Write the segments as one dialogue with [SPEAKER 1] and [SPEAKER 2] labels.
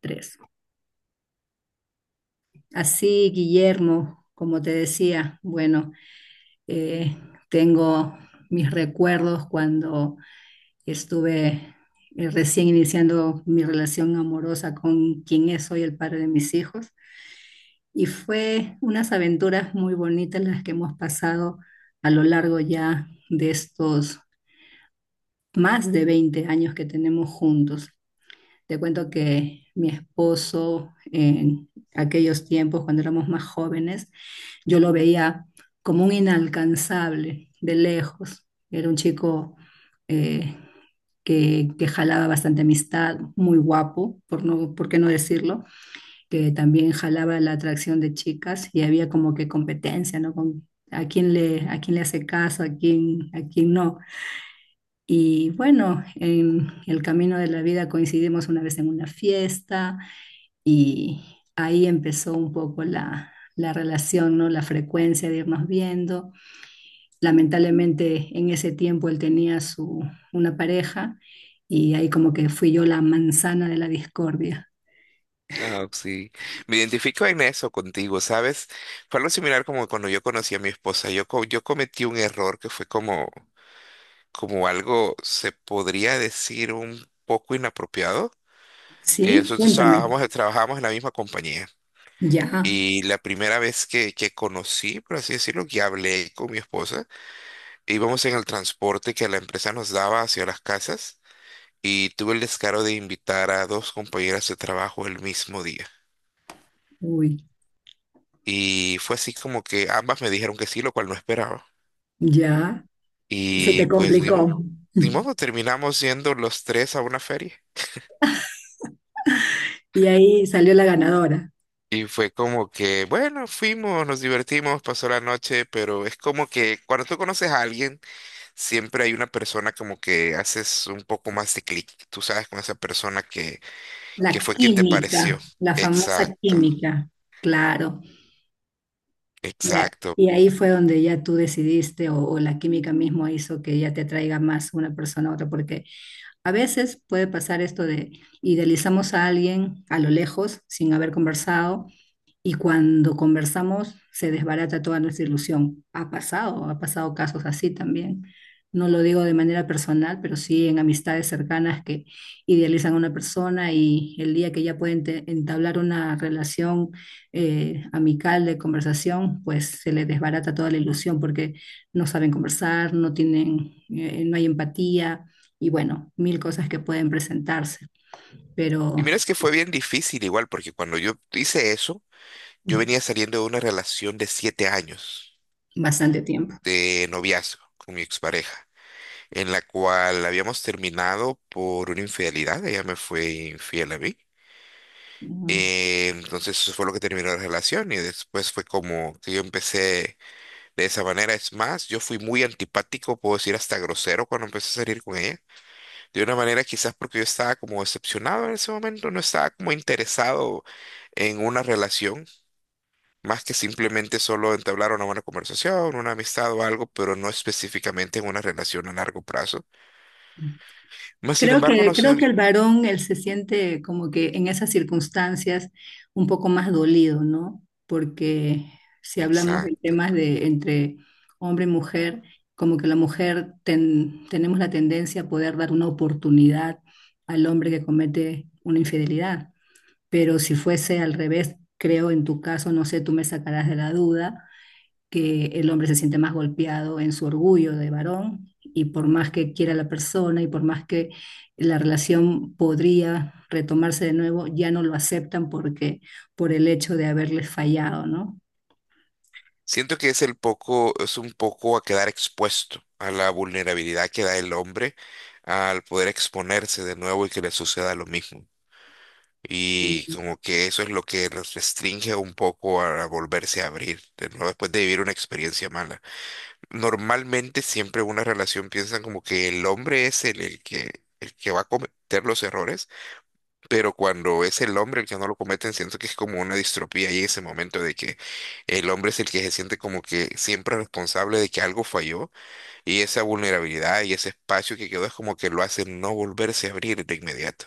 [SPEAKER 1] Tres. Así, Guillermo, como te decía, bueno, eh, tengo mis recuerdos cuando estuve recién iniciando mi relación amorosa con quien es hoy el padre de mis hijos. Y fue unas aventuras muy bonitas las que hemos pasado a lo largo ya de estos más de 20 años que tenemos juntos. Te cuento que mi esposo en aquellos tiempos, cuando éramos más jóvenes, yo lo veía como un inalcanzable de lejos. Era un chico eh, que jalaba bastante amistad, muy guapo, por qué no decirlo, que también jalaba la atracción de chicas y había como que competencia, ¿no? Con, a quién le hace caso, a quién no. Y bueno, en el camino de la vida coincidimos una vez en una fiesta y ahí empezó un poco la relación, ¿no? La frecuencia de irnos viendo. Lamentablemente en ese tiempo él tenía una pareja y ahí como que fui yo la manzana de la discordia.
[SPEAKER 2] Ah, sí. Me identifico en eso contigo, ¿sabes? Fue algo similar como cuando yo conocí a mi esposa. Yo cometí un error que fue como, como algo, se podría decir, un poco inapropiado. Eh,
[SPEAKER 1] ¿Sí?
[SPEAKER 2] nosotros
[SPEAKER 1] Cuéntame.
[SPEAKER 2] trabajamos, trabajábamos en la misma compañía.
[SPEAKER 1] Ya,
[SPEAKER 2] Y la primera vez que conocí, por así decirlo, que hablé con mi esposa, íbamos en el transporte que la empresa nos daba hacia las casas y tuve el descaro de invitar a dos compañeras de trabajo el mismo día.
[SPEAKER 1] uy,
[SPEAKER 2] Y fue así como que ambas me dijeron que sí, lo cual no esperaba.
[SPEAKER 1] ya. Se te
[SPEAKER 2] Y pues ni modo,
[SPEAKER 1] complicó.
[SPEAKER 2] ni modo, terminamos yendo los tres a una feria.
[SPEAKER 1] Y ahí salió la ganadora,
[SPEAKER 2] Y fue como que, bueno, fuimos, nos divertimos, pasó la noche, pero es como que cuando tú conoces a alguien, siempre hay una persona como que haces un poco más de clic, tú sabes, con esa
[SPEAKER 1] la
[SPEAKER 2] que fue quien te pareció.
[SPEAKER 1] química, la famosa
[SPEAKER 2] Exacto,
[SPEAKER 1] química. Claro. Y a-
[SPEAKER 2] exacto.
[SPEAKER 1] y ahí fue donde ya tú decidiste o la química mismo hizo que ya te atraiga más una persona a otra, porque a veces puede pasar esto de idealizamos a alguien a lo lejos sin haber conversado y cuando conversamos se desbarata toda nuestra ilusión. Ha pasado casos así también. No lo digo de manera personal, pero sí en amistades cercanas que idealizan a una persona y el día que ya pueden entablar una relación amical de conversación, pues se les desbarata toda la ilusión porque no saben conversar, no tienen, no hay empatía y bueno, mil cosas que pueden presentarse,
[SPEAKER 2] Y
[SPEAKER 1] pero
[SPEAKER 2] mira, es que fue bien difícil igual, porque cuando yo hice eso, yo venía saliendo de una relación de siete años
[SPEAKER 1] bastante tiempo.
[SPEAKER 2] de noviazgo con mi expareja, en la cual habíamos terminado por una infidelidad, ella me fue infiel a mí. Entonces eso fue lo que terminó la relación y después fue como que yo empecé de esa manera. Es más, yo fui muy antipático, puedo decir hasta grosero cuando empecé a salir con ella. De una manera quizás porque yo estaba como decepcionado en ese momento, no estaba como interesado en una relación, más que simplemente solo entablar una buena conversación, una amistad o algo, pero no específicamente en una relación a largo plazo. Mas, sin
[SPEAKER 1] Creo
[SPEAKER 2] embargo,
[SPEAKER 1] que,
[SPEAKER 2] no
[SPEAKER 1] creo
[SPEAKER 2] sé,
[SPEAKER 1] que el varón, él se siente como que en esas circunstancias un poco más dolido, ¿no? Porque si hablamos de
[SPEAKER 2] exacto.
[SPEAKER 1] temas de entre hombre y mujer, como que la mujer tenemos la tendencia a poder dar una oportunidad al hombre que comete una infidelidad. Pero si fuese al revés, creo en tu caso, no sé, tú me sacarás de la duda, que el hombre se siente más golpeado en su orgullo de varón y por más que quiera la persona y por más que la relación podría retomarse de nuevo, ya no lo aceptan porque por el hecho de haberles fallado, ¿no?
[SPEAKER 2] Siento que es el poco, es un poco a quedar expuesto a la vulnerabilidad que da el hombre al poder exponerse de nuevo y que le suceda lo mismo. Y como que eso es lo que nos restringe un poco a volverse a abrir de nuevo después de vivir una experiencia mala. Normalmente siempre una relación piensan como que el hombre es el que va a cometer los errores, pero cuando es el hombre el que no lo cometen, siento que es como una distropía ahí ese momento de que el hombre es el que se siente como que siempre responsable de que algo falló y esa vulnerabilidad y ese espacio que quedó es como que lo hace no volverse a abrir de inmediato.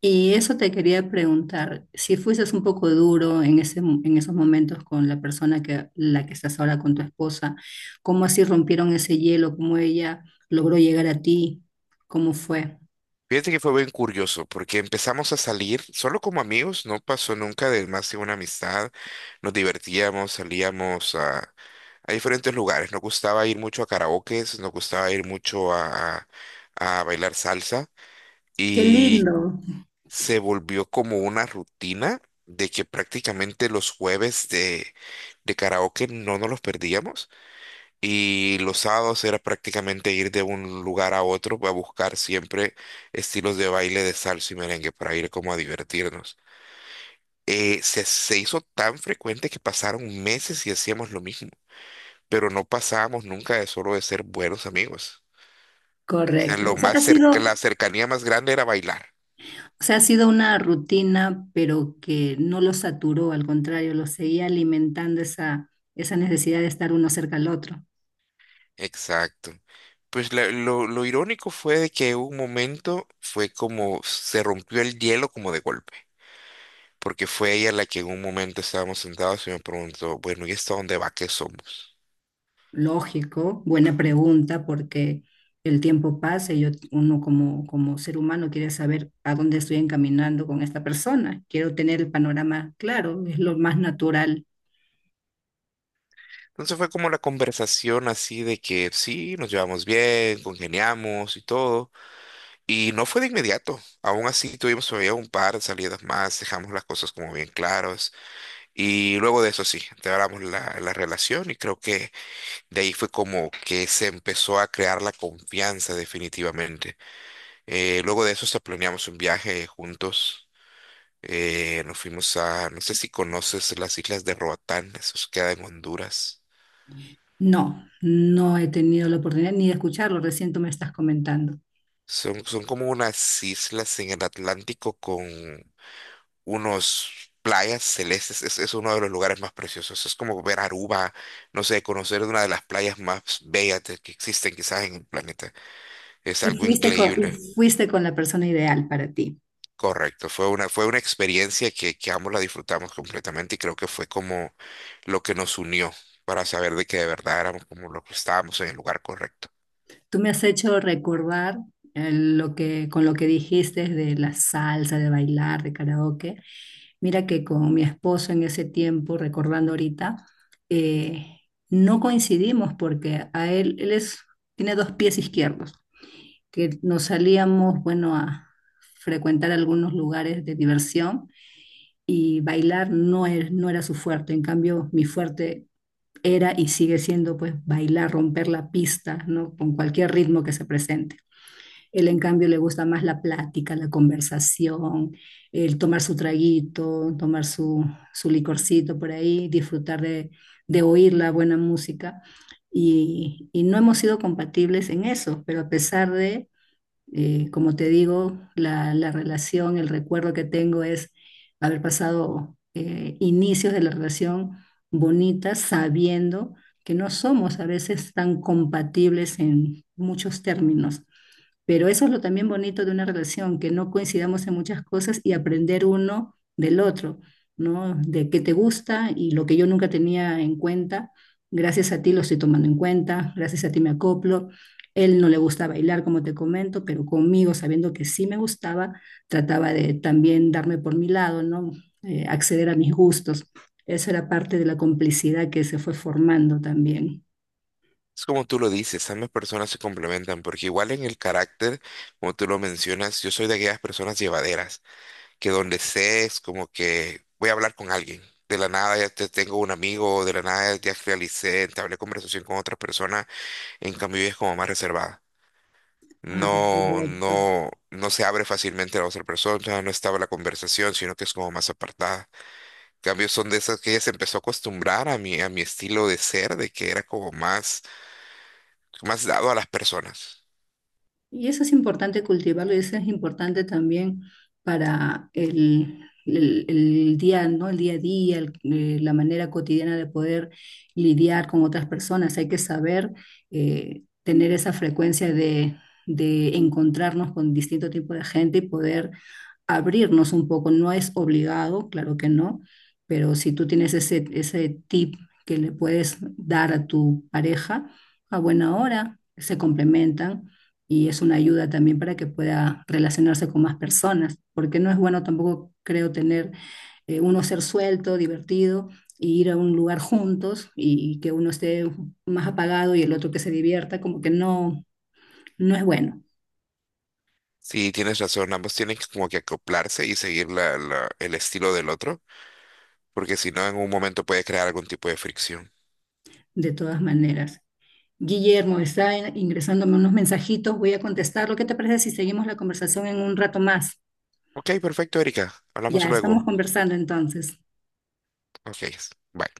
[SPEAKER 1] Y eso te quería preguntar, si fueses un poco duro en ese, en esos momentos con la persona que la que estás ahora con tu esposa, ¿cómo así rompieron ese hielo? ¿Cómo ella logró llegar a ti? ¿Cómo fue?
[SPEAKER 2] Fíjate que fue bien curioso porque empezamos a salir solo como amigos, no pasó nunca de más que una amistad, nos divertíamos, salíamos a diferentes lugares. Nos gustaba ir mucho a karaokes, nos gustaba ir mucho a bailar salsa
[SPEAKER 1] Qué
[SPEAKER 2] y
[SPEAKER 1] lindo.
[SPEAKER 2] se volvió como una rutina de que prácticamente los de karaoke no nos los perdíamos y los sábados era prácticamente ir de un lugar a otro a buscar siempre estilos de baile de salsa y merengue para ir como a divertirnos. Se hizo tan frecuente que pasaron meses y hacíamos lo mismo pero no pasábamos nunca de solo de ser buenos amigos. O sea,
[SPEAKER 1] Correcto.
[SPEAKER 2] lo
[SPEAKER 1] O sea,
[SPEAKER 2] más
[SPEAKER 1] ha
[SPEAKER 2] cerca,
[SPEAKER 1] sido.
[SPEAKER 2] la cercanía más grande era bailar.
[SPEAKER 1] O sea, ha sido una rutina, pero que no lo saturó, al contrario, lo seguía alimentando esa, esa necesidad de estar uno cerca al otro.
[SPEAKER 2] Exacto. Pues lo irónico fue de que un momento fue como se rompió el hielo como de golpe, porque fue ella la que en un momento estábamos sentados y me preguntó, bueno, ¿y esto a dónde va? ¿Qué somos?
[SPEAKER 1] Lógico, buena pregunta, porque el tiempo pasa y yo, uno como, como ser humano quiere saber a dónde estoy encaminando con esta persona. Quiero tener el panorama claro, es lo más natural.
[SPEAKER 2] Entonces fue como la conversación así de que sí, nos llevamos bien, congeniamos y todo. Y no fue de inmediato. Aún así tuvimos todavía un par de salidas más, dejamos las cosas como bien claras. Y luego de eso sí, empeoramos la relación y creo que de ahí fue como que se empezó a crear la confianza definitivamente. Luego de eso hasta planeamos un viaje juntos. Nos fuimos a, no sé si conoces las islas de Roatán, eso queda en Honduras.
[SPEAKER 1] No, no he tenido la oportunidad ni de escucharlo, recién tú me estás comentando.
[SPEAKER 2] Son como unas islas en el Atlántico con unos playas celestes. Es uno de los lugares más preciosos. Es como ver Aruba, no sé, conocer una de las playas más bellas de- que existen quizás en el planeta. Es algo
[SPEAKER 1] Y
[SPEAKER 2] increíble.
[SPEAKER 1] fuiste con la persona ideal para ti.
[SPEAKER 2] Correcto, fue una experiencia que ambos la disfrutamos completamente y creo que fue como lo que nos unió para saber de que de verdad éramos como lo que estábamos en el lugar correcto.
[SPEAKER 1] Tú me has hecho recordar con lo que dijiste de la salsa, de bailar, de karaoke. Mira que con mi esposo en ese tiempo, recordando ahorita, eh, no coincidimos porque a él, él es, tiene dos pies izquierdos, que nos salíamos, bueno, a frecuentar algunos lugares de diversión y bailar no era su fuerte. En cambio, mi fuerte era y sigue siendo pues bailar, romper la pista, ¿no? Con cualquier ritmo que se presente. Él, en cambio, le gusta más la plática, la conversación, el tomar su traguito, tomar su, su licorcito por ahí, disfrutar de oír la buena música. Y no hemos sido compatibles en eso, pero a pesar de, como te digo, la relación, el recuerdo que tengo es haber pasado inicios de la relación bonita sabiendo que no somos a veces tan compatibles en muchos términos pero eso es lo también bonito de una relación, que no coincidamos en muchas cosas y aprender uno del otro, ¿no? De qué te gusta y lo que yo nunca tenía en cuenta, gracias a ti lo estoy tomando en cuenta, gracias a ti me acoplo. Él no le gusta bailar, como te comento, pero conmigo, sabiendo que sí me gustaba, trataba de también darme por mi lado, ¿no? Acceder a mis gustos. Eso era parte de la complicidad que se fue formando también.
[SPEAKER 2] Es como tú lo dices, ambas personas se complementan porque igual en el carácter, como tú lo mencionas, yo soy de aquellas personas llevaderas, que donde sé es como que voy a hablar con alguien. De la nada ya te tengo un amigo, de la nada ya realicé, entablé conversación con otra persona, en cambio ella es como más reservada.
[SPEAKER 1] Ah,
[SPEAKER 2] No,
[SPEAKER 1] correcto.
[SPEAKER 2] no, no se abre fácilmente a la otra persona, no estaba la conversación, sino que es como más apartada. En cambio son de esas que ella se empezó a acostumbrar a a mi estilo de ser, de que era como más, más dado a las personas.
[SPEAKER 1] Y eso es importante cultivarlo y eso es importante también para el día, ¿no? El día a día, la manera cotidiana de poder lidiar con otras personas. Hay que saber tener esa frecuencia de, encontrarnos con distinto tipo de gente y poder abrirnos un poco. No es obligado, claro que no, pero si tú tienes ese tip que le puedes dar a tu pareja, a buena hora, se complementan y es una ayuda también para que pueda relacionarse con más personas, porque no es bueno tampoco, creo, tener uno ser suelto, divertido, y ir a un lugar juntos y que uno esté más apagado y el otro que se divierta, como que no, no es bueno,
[SPEAKER 2] Sí, tienes razón, ambos tienen que como que acoplarse y seguir el estilo del otro, porque si no, en un momento puede crear algún tipo de fricción.
[SPEAKER 1] de todas maneras. Guillermo, está ingresándome unos mensajitos, voy a contestar. ¿Lo que te parece si seguimos la conversación en un rato más?
[SPEAKER 2] Ok, perfecto, Erika. Hablamos
[SPEAKER 1] Ya, estamos
[SPEAKER 2] luego.
[SPEAKER 1] conversando entonces.
[SPEAKER 2] Ok, bye.